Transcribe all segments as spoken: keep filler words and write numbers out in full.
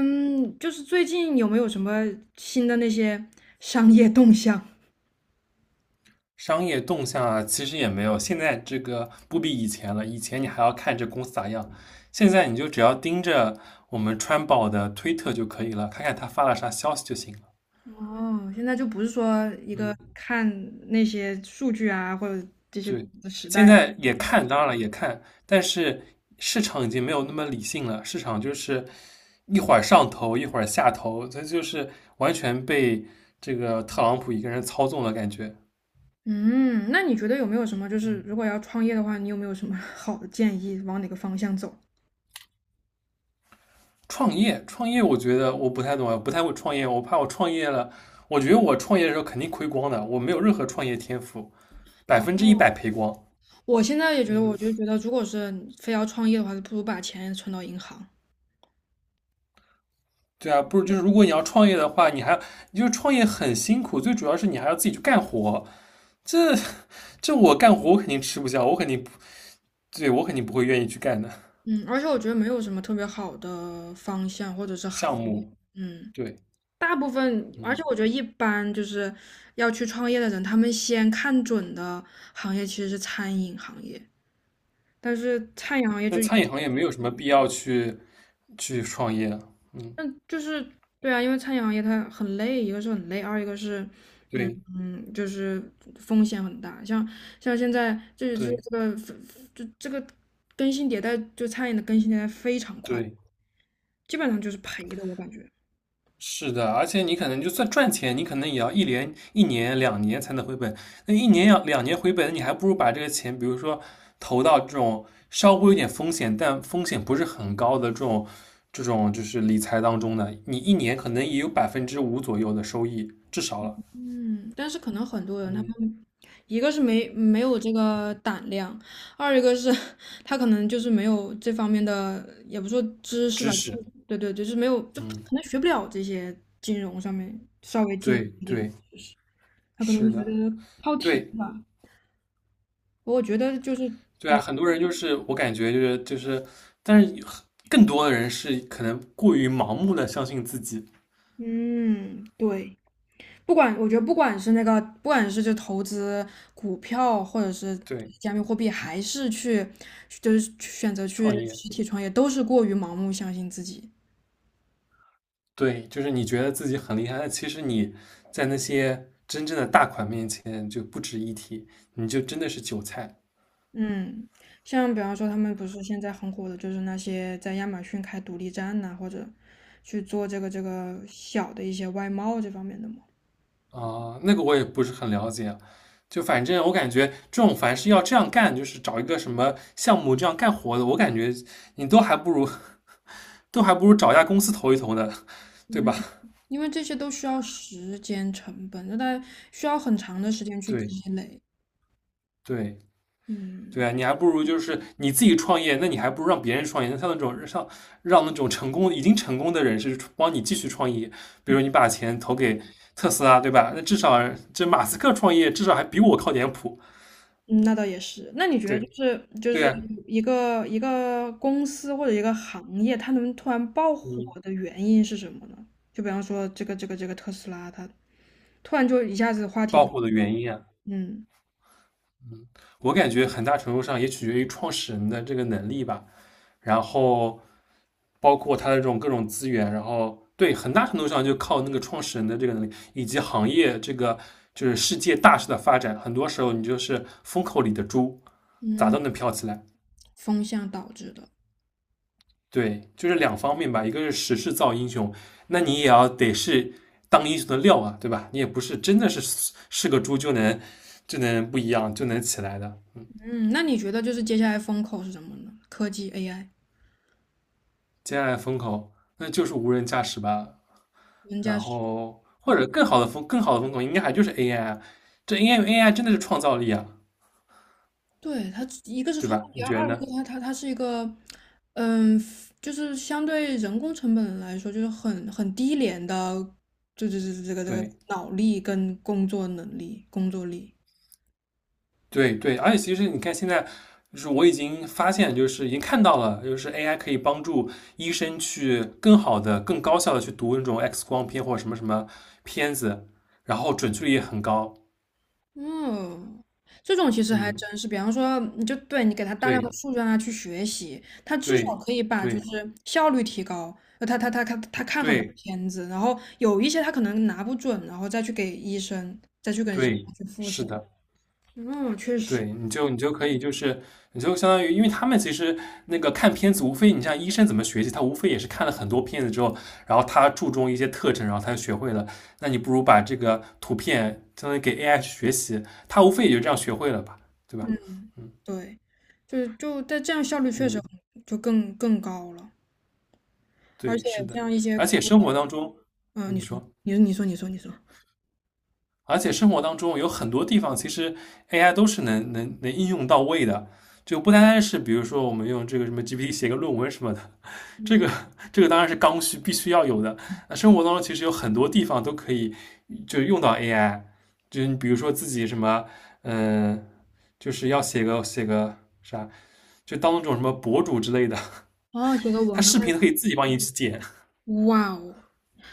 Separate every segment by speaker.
Speaker 1: 嗯，就是最近有没有什么新的那些商业动向？
Speaker 2: 商业动向啊，其实也没有，现在这个不比以前了。以前你还要看这公司咋样，现在你就只要盯着我们川宝的推特就可以了，看看他发了啥消息就行了。
Speaker 1: 哦，现在就不是说一
Speaker 2: 嗯，
Speaker 1: 个看那些数据啊，或者这些
Speaker 2: 对，
Speaker 1: 的时代
Speaker 2: 现
Speaker 1: 了。
Speaker 2: 在也看，当然了也看，但是市场已经没有那么理性了，市场就是一会儿上头，一会儿下头，这就是完全被这个特朗普一个人操纵了感觉。
Speaker 1: 嗯，那你觉得有没有什么，就是如果要创业的话，你有没有什么 好的建议，往哪个方向走？
Speaker 2: 创业，创业，我觉得我不太懂，啊，不太会创业，我怕我创业了，我觉得我创业的时候肯定亏光的，我没有任何创业天赋，百
Speaker 1: 哦，
Speaker 2: 分之一百赔光。
Speaker 1: 我现在也觉得，
Speaker 2: 嗯，
Speaker 1: 我就觉得，如果是非要创业的话，就不如把钱存到银行。
Speaker 2: 对啊，不是，就是如果你要创业的话，你还你就是创业很辛苦，最主要是你还要自己去干活，这这我干活我肯定吃不消，我肯定不对，我肯定不会愿意去干的
Speaker 1: 嗯，而且我觉得没有什么特别好的方向或者是行
Speaker 2: 项
Speaker 1: 业。
Speaker 2: 目。
Speaker 1: 嗯。
Speaker 2: 对，
Speaker 1: 大部分，而且
Speaker 2: 嗯，
Speaker 1: 我觉得一般就是要去创业的人，他们先看准的行业其实是餐饮行业，但是餐饮行业
Speaker 2: 那
Speaker 1: 就，
Speaker 2: 餐饮行业没有什么必要去去创业。嗯，
Speaker 1: 但就是对啊，因为餐饮行业它很累，一个是很累，二一个是，嗯
Speaker 2: 对
Speaker 1: 嗯，就是风险很大。像像现在这这
Speaker 2: 对
Speaker 1: 这个就这个更新迭代，就餐饮的更新迭代非常快，
Speaker 2: 对，
Speaker 1: 基本上就是赔的，我感觉。
Speaker 2: 是的，而且你可能就算赚钱，你可能也要一年、一年、两年才能回本。那一年要两年回本，你还不如把这个钱，比如说投到这种稍微有点风险，但风险不是很高的这种这种就是理财当中呢，你一年可能也有百分之五左右的收益，至少了。
Speaker 1: 嗯，但是可能很多人他
Speaker 2: 嗯，
Speaker 1: 们，一个是没没有这个胆量，二一个是 他可能就是没有这方面的，也不说知识吧，
Speaker 2: 知
Speaker 1: 就
Speaker 2: 识，
Speaker 1: 是对对，就是没有，就可
Speaker 2: 嗯，
Speaker 1: 能学不了这些金融上面稍微金融
Speaker 2: 对
Speaker 1: 一点，
Speaker 2: 对，
Speaker 1: 他可能
Speaker 2: 是
Speaker 1: 会觉
Speaker 2: 的，
Speaker 1: 得靠题
Speaker 2: 对
Speaker 1: 吧。我觉得就是，
Speaker 2: 对啊，很多人就是我感觉就是就是，但是更多的人是可能过于盲目的相信自己。
Speaker 1: 嗯，对。不管我觉得不管是那个，不管是就投资股票，或者是
Speaker 2: 对，
Speaker 1: 加密货币，还是去就是去选择去
Speaker 2: 创业，
Speaker 1: 实体创业，都是过于盲目相信自己。
Speaker 2: 对，就是你觉得自己很厉害，但其实你在那些真正的大款面前就不值一提，你就真的是韭菜。
Speaker 1: 嗯，像比方说他们不是现在很火的，就是那些在亚马逊开独立站呐、或者去做这个这个小的一些外贸这方面的嘛。
Speaker 2: 啊，那个我也不是很了解，就反正我感觉这种凡是要这样干，就是找一个什么项目这样干活的，我感觉你都还不如都还不如找一家公司投一投呢，对吧？
Speaker 1: 嗯，因为这些都需要时间成本，那它需要很长的时间去
Speaker 2: 对
Speaker 1: 积累。
Speaker 2: 对，
Speaker 1: 嗯。
Speaker 2: 对啊，你还不如就是你自己创业，那你还不如让别人创业。那像那种让让那种成功已经成功的人士帮你继续创业，比如说你把钱投给特斯拉，对吧？那至少这马斯克创业至少还比我靠点谱。
Speaker 1: 嗯，那倒也是。那你觉得就
Speaker 2: 对
Speaker 1: 是就
Speaker 2: 对
Speaker 1: 是
Speaker 2: 啊，
Speaker 1: 一个一个公司或者一个行业，它能突然爆火
Speaker 2: 嗯，
Speaker 1: 的原因是什么呢？就比方说这个这个这个特斯拉，它突然就一下子话题
Speaker 2: 爆
Speaker 1: 多，
Speaker 2: 火的原因啊，
Speaker 1: 嗯
Speaker 2: 我感觉很大程度上也取决于创始人的这个能力吧。然后包括它的这种各种资源，然后对很大程度上就靠那个创始人的这个能力，以及行业这个就是世界大势的发展，很多时候你就是风口里的猪，咋
Speaker 1: 嗯，
Speaker 2: 都能飘起来。
Speaker 1: 风向导致的。
Speaker 2: 对，就是两方面吧，一个是时势造英雄，那你也要得是当英雄的料啊，对吧？你也不是真的是是个猪就能就能不一样就能起来的。嗯，
Speaker 1: 嗯，那你觉得就是接下来风口是什么呢？科技、A I、
Speaker 2: 接下来风口那就是无人驾驶吧，
Speaker 1: 人家
Speaker 2: 然
Speaker 1: 是。
Speaker 2: 后或
Speaker 1: 嗯
Speaker 2: 者更好的风更好的风口应该还就是 A I 啊，这 A I A I 真的是创造力啊，
Speaker 1: 对，它一个是
Speaker 2: 对
Speaker 1: 创
Speaker 2: 吧？
Speaker 1: 意，
Speaker 2: 你
Speaker 1: 而
Speaker 2: 觉得
Speaker 1: 二一个
Speaker 2: 呢？
Speaker 1: 它它它是一个，嗯，就是相对人工成本来说，就是很很低廉的，就就是这个这个
Speaker 2: 对
Speaker 1: 脑力跟工作能力、工作力。
Speaker 2: 对对，而且其实你看现在，就是我已经发现，就是已经看到了，就是 A I 可以帮助医生去更好的、更高效的去读那种 X 光片或者什么什么片子，然后准确率也很高。
Speaker 1: 嗯，这种其实还
Speaker 2: 嗯，
Speaker 1: 真是，比方说，你就对你给他大量的
Speaker 2: 对
Speaker 1: 数据让他去学习，他至少
Speaker 2: 对
Speaker 1: 可以把就
Speaker 2: 对
Speaker 1: 是效率提高。呃他他他他看他看很多
Speaker 2: 对
Speaker 1: 片子，然后有一些他可能拿不准，然后再去给医生，再去给人去
Speaker 2: 对，
Speaker 1: 复
Speaker 2: 是
Speaker 1: 审。
Speaker 2: 的。
Speaker 1: 嗯，确实。
Speaker 2: 对，你就你就可以，就是你就相当于，因为他们其实那个看片子，无非你像医生怎么学习，他无非也是看了很多片子之后，然后他注重一些特征，然后他就学会了。那你不如把这个图片相当于给 A I 去学习，他无非也就这样学会了吧，对吧？嗯
Speaker 1: 对，就是就但这样效率确实
Speaker 2: 嗯，
Speaker 1: 很就更更高了，而
Speaker 2: 对，
Speaker 1: 且
Speaker 2: 是的。
Speaker 1: 像一些
Speaker 2: 而
Speaker 1: 课，
Speaker 2: 且生活当中，
Speaker 1: 嗯、
Speaker 2: 嗯
Speaker 1: 你
Speaker 2: 你
Speaker 1: 说，
Speaker 2: 说。
Speaker 1: 你说，你说，你说，你说，
Speaker 2: 而且生活当中有很多地方，其实 A I 都是能能能应用到位的，就不单单是比如说我们用这个什么 G P T 写个论文什么的，这
Speaker 1: 嗯，
Speaker 2: 个这个当然是刚需，必须要有的。那生活当中其实有很多地方都可以就用到 A I，就你比如说自己什么，嗯、呃就是要写个写个啥，就当那种什么博主之类的，
Speaker 1: 哦，写个
Speaker 2: 他
Speaker 1: 文
Speaker 2: 视
Speaker 1: 案，
Speaker 2: 频可以自己帮你剪，
Speaker 1: 哇哦，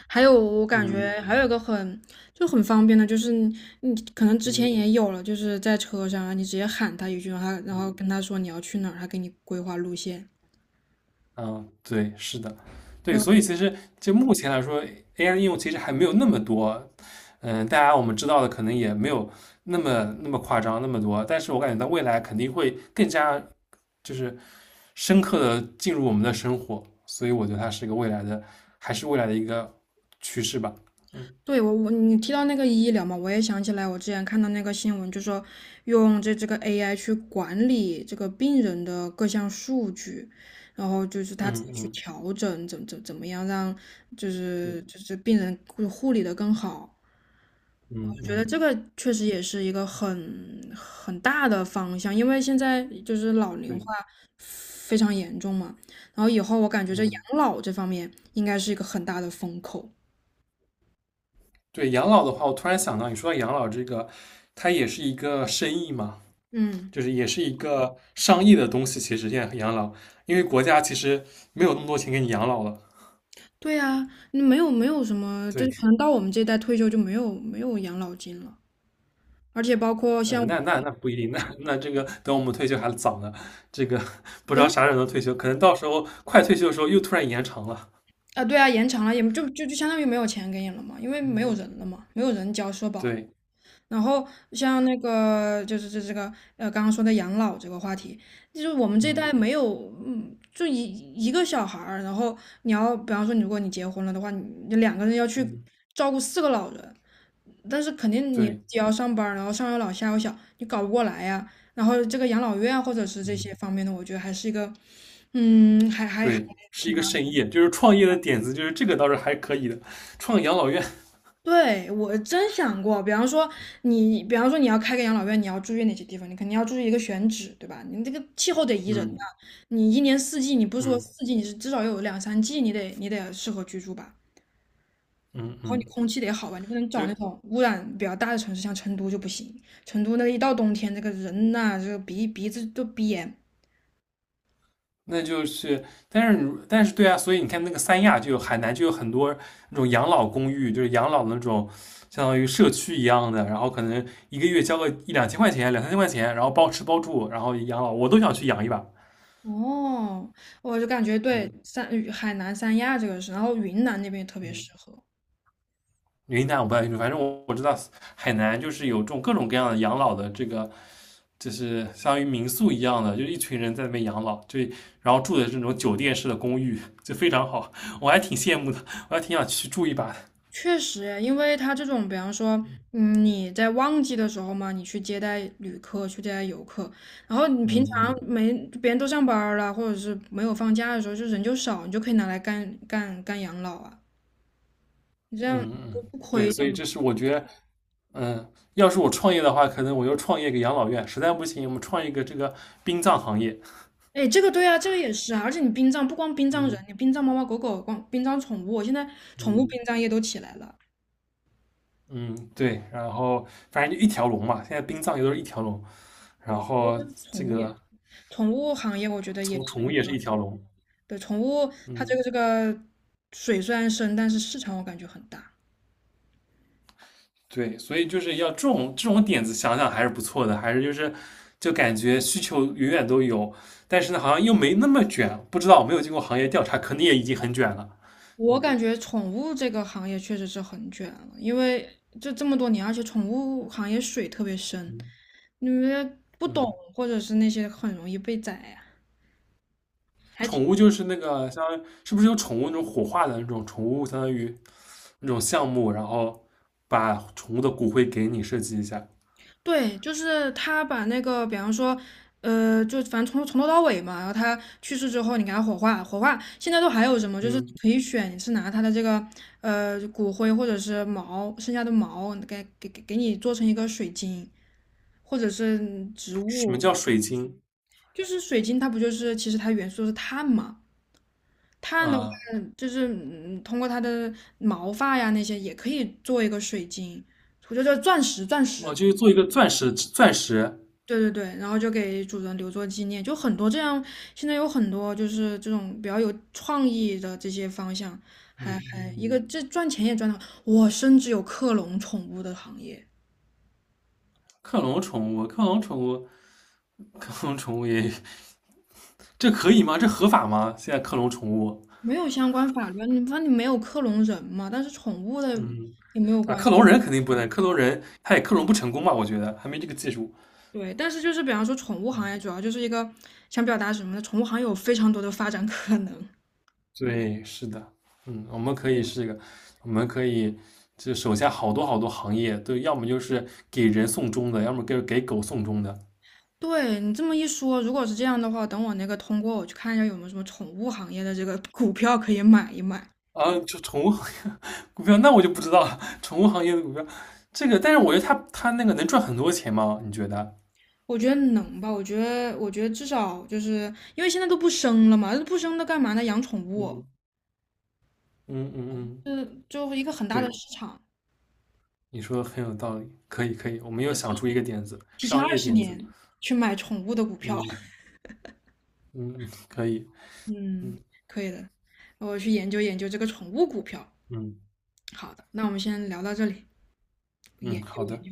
Speaker 1: 还有我感觉
Speaker 2: 嗯
Speaker 1: 还有一个很就很方便的，就是你你可能之前
Speaker 2: 嗯
Speaker 1: 也有了，就是在车上啊，你直接喊他一句，然后他然后
Speaker 2: 嗯。
Speaker 1: 跟他说你要去哪儿，他给你规划路线。
Speaker 2: 嗯，对，是的，对，所以其实就目前来说，A I 的应用其实还没有那么多。嗯，大家我们知道的可能也没有那么那么夸张那么多，但是我感觉到未来肯定会更加就是深刻的进入我们的生活，所以我觉得它是一个未来的，还是未来的一个趋势吧。嗯
Speaker 1: 对我我你提到那个医疗嘛，我也想起来，我之前看到那个新闻，就说用这这个 A I 去管理这个病人的各项数据，然后就是他自
Speaker 2: 嗯
Speaker 1: 己去
Speaker 2: 嗯，
Speaker 1: 调整，怎怎怎么样让就
Speaker 2: 对，
Speaker 1: 是就是病人护护理的更好。我
Speaker 2: 嗯
Speaker 1: 觉得
Speaker 2: 嗯
Speaker 1: 这个确实也是一个很很大的方向，因为现在就是老龄
Speaker 2: 对，
Speaker 1: 化非常严重嘛，然后以后我感觉这养
Speaker 2: 嗯
Speaker 1: 老这方面应该是一个很大的风口。
Speaker 2: 对，养老的话，我突然想到，你说到养老这个，它也是一个生意嘛。
Speaker 1: 嗯。
Speaker 2: 就是也是一个上亿的东西，其实现在养老，因为国家其实没有那么多钱给你养老了。
Speaker 1: 对呀，你没有没有什么，就
Speaker 2: 对，
Speaker 1: 是可能到我们这一代退休就没有没有养老金了，而且包括
Speaker 2: 呃，
Speaker 1: 像我
Speaker 2: 那那那不一定，那那这个等我们退休还早呢，这个不知道
Speaker 1: 人
Speaker 2: 啥时候能退休，可能到时候快退休的时候又突然延长了。
Speaker 1: 啊，对啊，延长了也就就就相当于没有钱给你了嘛，因为没
Speaker 2: 嗯，
Speaker 1: 有人了嘛，没有人交社保了。
Speaker 2: 对，
Speaker 1: 然后像那个就是这这个呃刚刚说的养老这个话题，就是我们这一
Speaker 2: 嗯
Speaker 1: 代没有嗯，就一一个小孩儿，然后你要比方说你如果你结婚了的话，你你两个人要去
Speaker 2: 嗯，
Speaker 1: 照顾四个老人，但是肯定你自
Speaker 2: 对，
Speaker 1: 己要上班儿然后上有老下有小，你搞不过来呀。然后这个养老院或者是这
Speaker 2: 嗯
Speaker 1: 些方面的，我觉得还是一个，嗯，还还还
Speaker 2: 对，是
Speaker 1: 挺
Speaker 2: 一个
Speaker 1: 大。
Speaker 2: 盛宴，就是创业的点子，就是这个倒是还可以的，创养老院。
Speaker 1: 对，我真想过，比方说你，比方说你要开个养老院，你要注意哪些地方？你肯定要注意一个选址，对吧？你这个气候得宜人呐、
Speaker 2: 嗯
Speaker 1: 你一年四季，你不是说
Speaker 2: 嗯
Speaker 1: 四季，你是至少有两三季，你得你得适合居住吧？
Speaker 2: 嗯
Speaker 1: 然后你
Speaker 2: 嗯，
Speaker 1: 空气得好吧，你不能找那
Speaker 2: 对，
Speaker 1: 种污染比较大的城市，像成都就不行。成都那一到冬天，这个人呐、这个鼻鼻子都鼻炎。
Speaker 2: 那就是，但是但是对啊，所以你看那个三亚就有海南就有很多那种养老公寓，就是养老的那种相当于社区一样的，然后可能一个月交个一两千块钱、两三千块钱，然后包吃包住，然后养老，我都想去养一把。
Speaker 1: 哦，我就感觉对
Speaker 2: 嗯
Speaker 1: 三呃海南三亚这个是，然后云南那边也特别
Speaker 2: 嗯，
Speaker 1: 适合。
Speaker 2: 云南我不太清楚，反正我我知道海南就是有这种各种各样的养老的这个，就是相当于民宿一样的，就一群人在那边养老，就然后住的这种酒店式的公寓，就非常好，我还挺羡慕的，我还挺想去住一把的。
Speaker 1: 确实，因为它这种，比方说，嗯，你在旺季的时候嘛，你去接待旅客，去接待游客，然后你平
Speaker 2: 嗯
Speaker 1: 常
Speaker 2: 嗯。
Speaker 1: 没别人都上班儿了，或者是没有放假的时候，就人就少，你就可以拿来干干干养老啊，你这样
Speaker 2: 嗯
Speaker 1: 就
Speaker 2: 嗯，
Speaker 1: 不
Speaker 2: 对，
Speaker 1: 亏的
Speaker 2: 所以这是我觉得，嗯，要是我创业的话，可能我就创业个养老院，实在不行，我们创一个这个殡葬行业。
Speaker 1: 哎，这个对啊，这个也是啊，而且你殡葬不光殡葬
Speaker 2: 嗯
Speaker 1: 人，你殡葬猫猫狗狗，光殡葬宠物，现在宠物
Speaker 2: 嗯
Speaker 1: 殡葬业都起来了。
Speaker 2: 嗯，对，然后反正就一条龙嘛，现在殡葬也都是一条龙，然
Speaker 1: 对，我觉
Speaker 2: 后
Speaker 1: 得
Speaker 2: 这
Speaker 1: 宠物也，
Speaker 2: 个
Speaker 1: 宠物行业我觉得也
Speaker 2: 从
Speaker 1: 是
Speaker 2: 宠物
Speaker 1: 一个，
Speaker 2: 也是一条龙。
Speaker 1: 对，宠物它这
Speaker 2: 嗯，
Speaker 1: 个这个水虽然深，但是市场我感觉很大。
Speaker 2: 对，所以就是要这种这种点子想想还是不错的，还是就是就感觉需求永远都有，但是呢，好像又没那么卷，不知道没有经过行业调查，可能也已经很卷了。
Speaker 1: 我
Speaker 2: 嗯
Speaker 1: 感觉宠物这个行业确实是很卷了，因为这这么多年，而且宠物行业水特别深，
Speaker 2: 嗯
Speaker 1: 你们不懂
Speaker 2: 嗯。
Speaker 1: 或者是那些很容易被宰呀、还挺。
Speaker 2: 宠物就是那个相当于是不是有宠物那种火化的那种宠物，相当于那种项目，然后把宠物的骨灰给你设计一下。
Speaker 1: 对，就是他把那个，比方说，呃，就反正从从头到尾嘛，然后他去世之后，你给他火化，火化现在都还有什么？就是你
Speaker 2: 嗯，
Speaker 1: 可以选，你是拿他的这个呃骨灰或者是毛，剩下的毛给给给给你做成一个水晶，或者是植
Speaker 2: 什么
Speaker 1: 物。
Speaker 2: 叫水晶？
Speaker 1: 就是水晶，它不就是其实它元素是碳嘛？碳的话，
Speaker 2: 啊，
Speaker 1: 就是嗯通过它的毛发呀那些也可以做一个水晶，我觉得钻石，钻
Speaker 2: 哦，
Speaker 1: 石。
Speaker 2: 就是做一个钻石钻石。
Speaker 1: 对对对，然后就给主人留作纪念，就很多这样，现在有很多就是这种比较有创意的这些方向，
Speaker 2: 嗯
Speaker 1: 还还一个
Speaker 2: 嗯，
Speaker 1: 这赚钱也赚得好，我甚至有克隆宠物的行业，
Speaker 2: 克隆宠物，克隆宠物，克隆宠物也这可以吗？这合法吗？现在克隆宠物，
Speaker 1: 没有相关法律啊你反正你没有克隆人嘛，但是宠物的
Speaker 2: 嗯
Speaker 1: 也没有
Speaker 2: 啊，
Speaker 1: 关
Speaker 2: 克
Speaker 1: 系，
Speaker 2: 隆人肯定不能，克隆人他也克隆不成功吧？我觉得还没这个技术。
Speaker 1: 对，但是就是比方说宠物行业主要就是一个想表达什么呢？宠物行业有非常多的发展可能。
Speaker 2: 对，是的，嗯，我们可以是一个，我们可以就手下好多好多行业，对，要么就是给人送终的，要么给给狗送终的
Speaker 1: 对你这么一说，如果是这样的话，等我那个通过，我去看一下有没有什么宠物行业的这个股票可以买一买。
Speaker 2: 啊，就宠物行业 股票，那我就不知道了。宠物行业的股票，这个，但是我觉得它它那个能赚很多钱吗？你觉得？
Speaker 1: 我觉得能吧，我觉得，我觉得至少就是因为现在都不生了嘛，不生那干嘛呢？养宠物，
Speaker 2: 嗯嗯嗯嗯，
Speaker 1: 就是就一个很大的
Speaker 2: 对，
Speaker 1: 市场，
Speaker 2: 你说的很有道理，可以可以，我们又想出一个点子，
Speaker 1: 提前
Speaker 2: 商
Speaker 1: 二
Speaker 2: 业
Speaker 1: 十
Speaker 2: 点子，
Speaker 1: 年去买宠物的股票，
Speaker 2: 嗯嗯，嗯可以，
Speaker 1: 嗯，
Speaker 2: 嗯
Speaker 1: 可以的，我去研究研究这个宠物股票。
Speaker 2: 嗯
Speaker 1: 好的，那我们先聊到这里，
Speaker 2: 嗯，
Speaker 1: 研究
Speaker 2: 好
Speaker 1: 研
Speaker 2: 的。
Speaker 1: 究。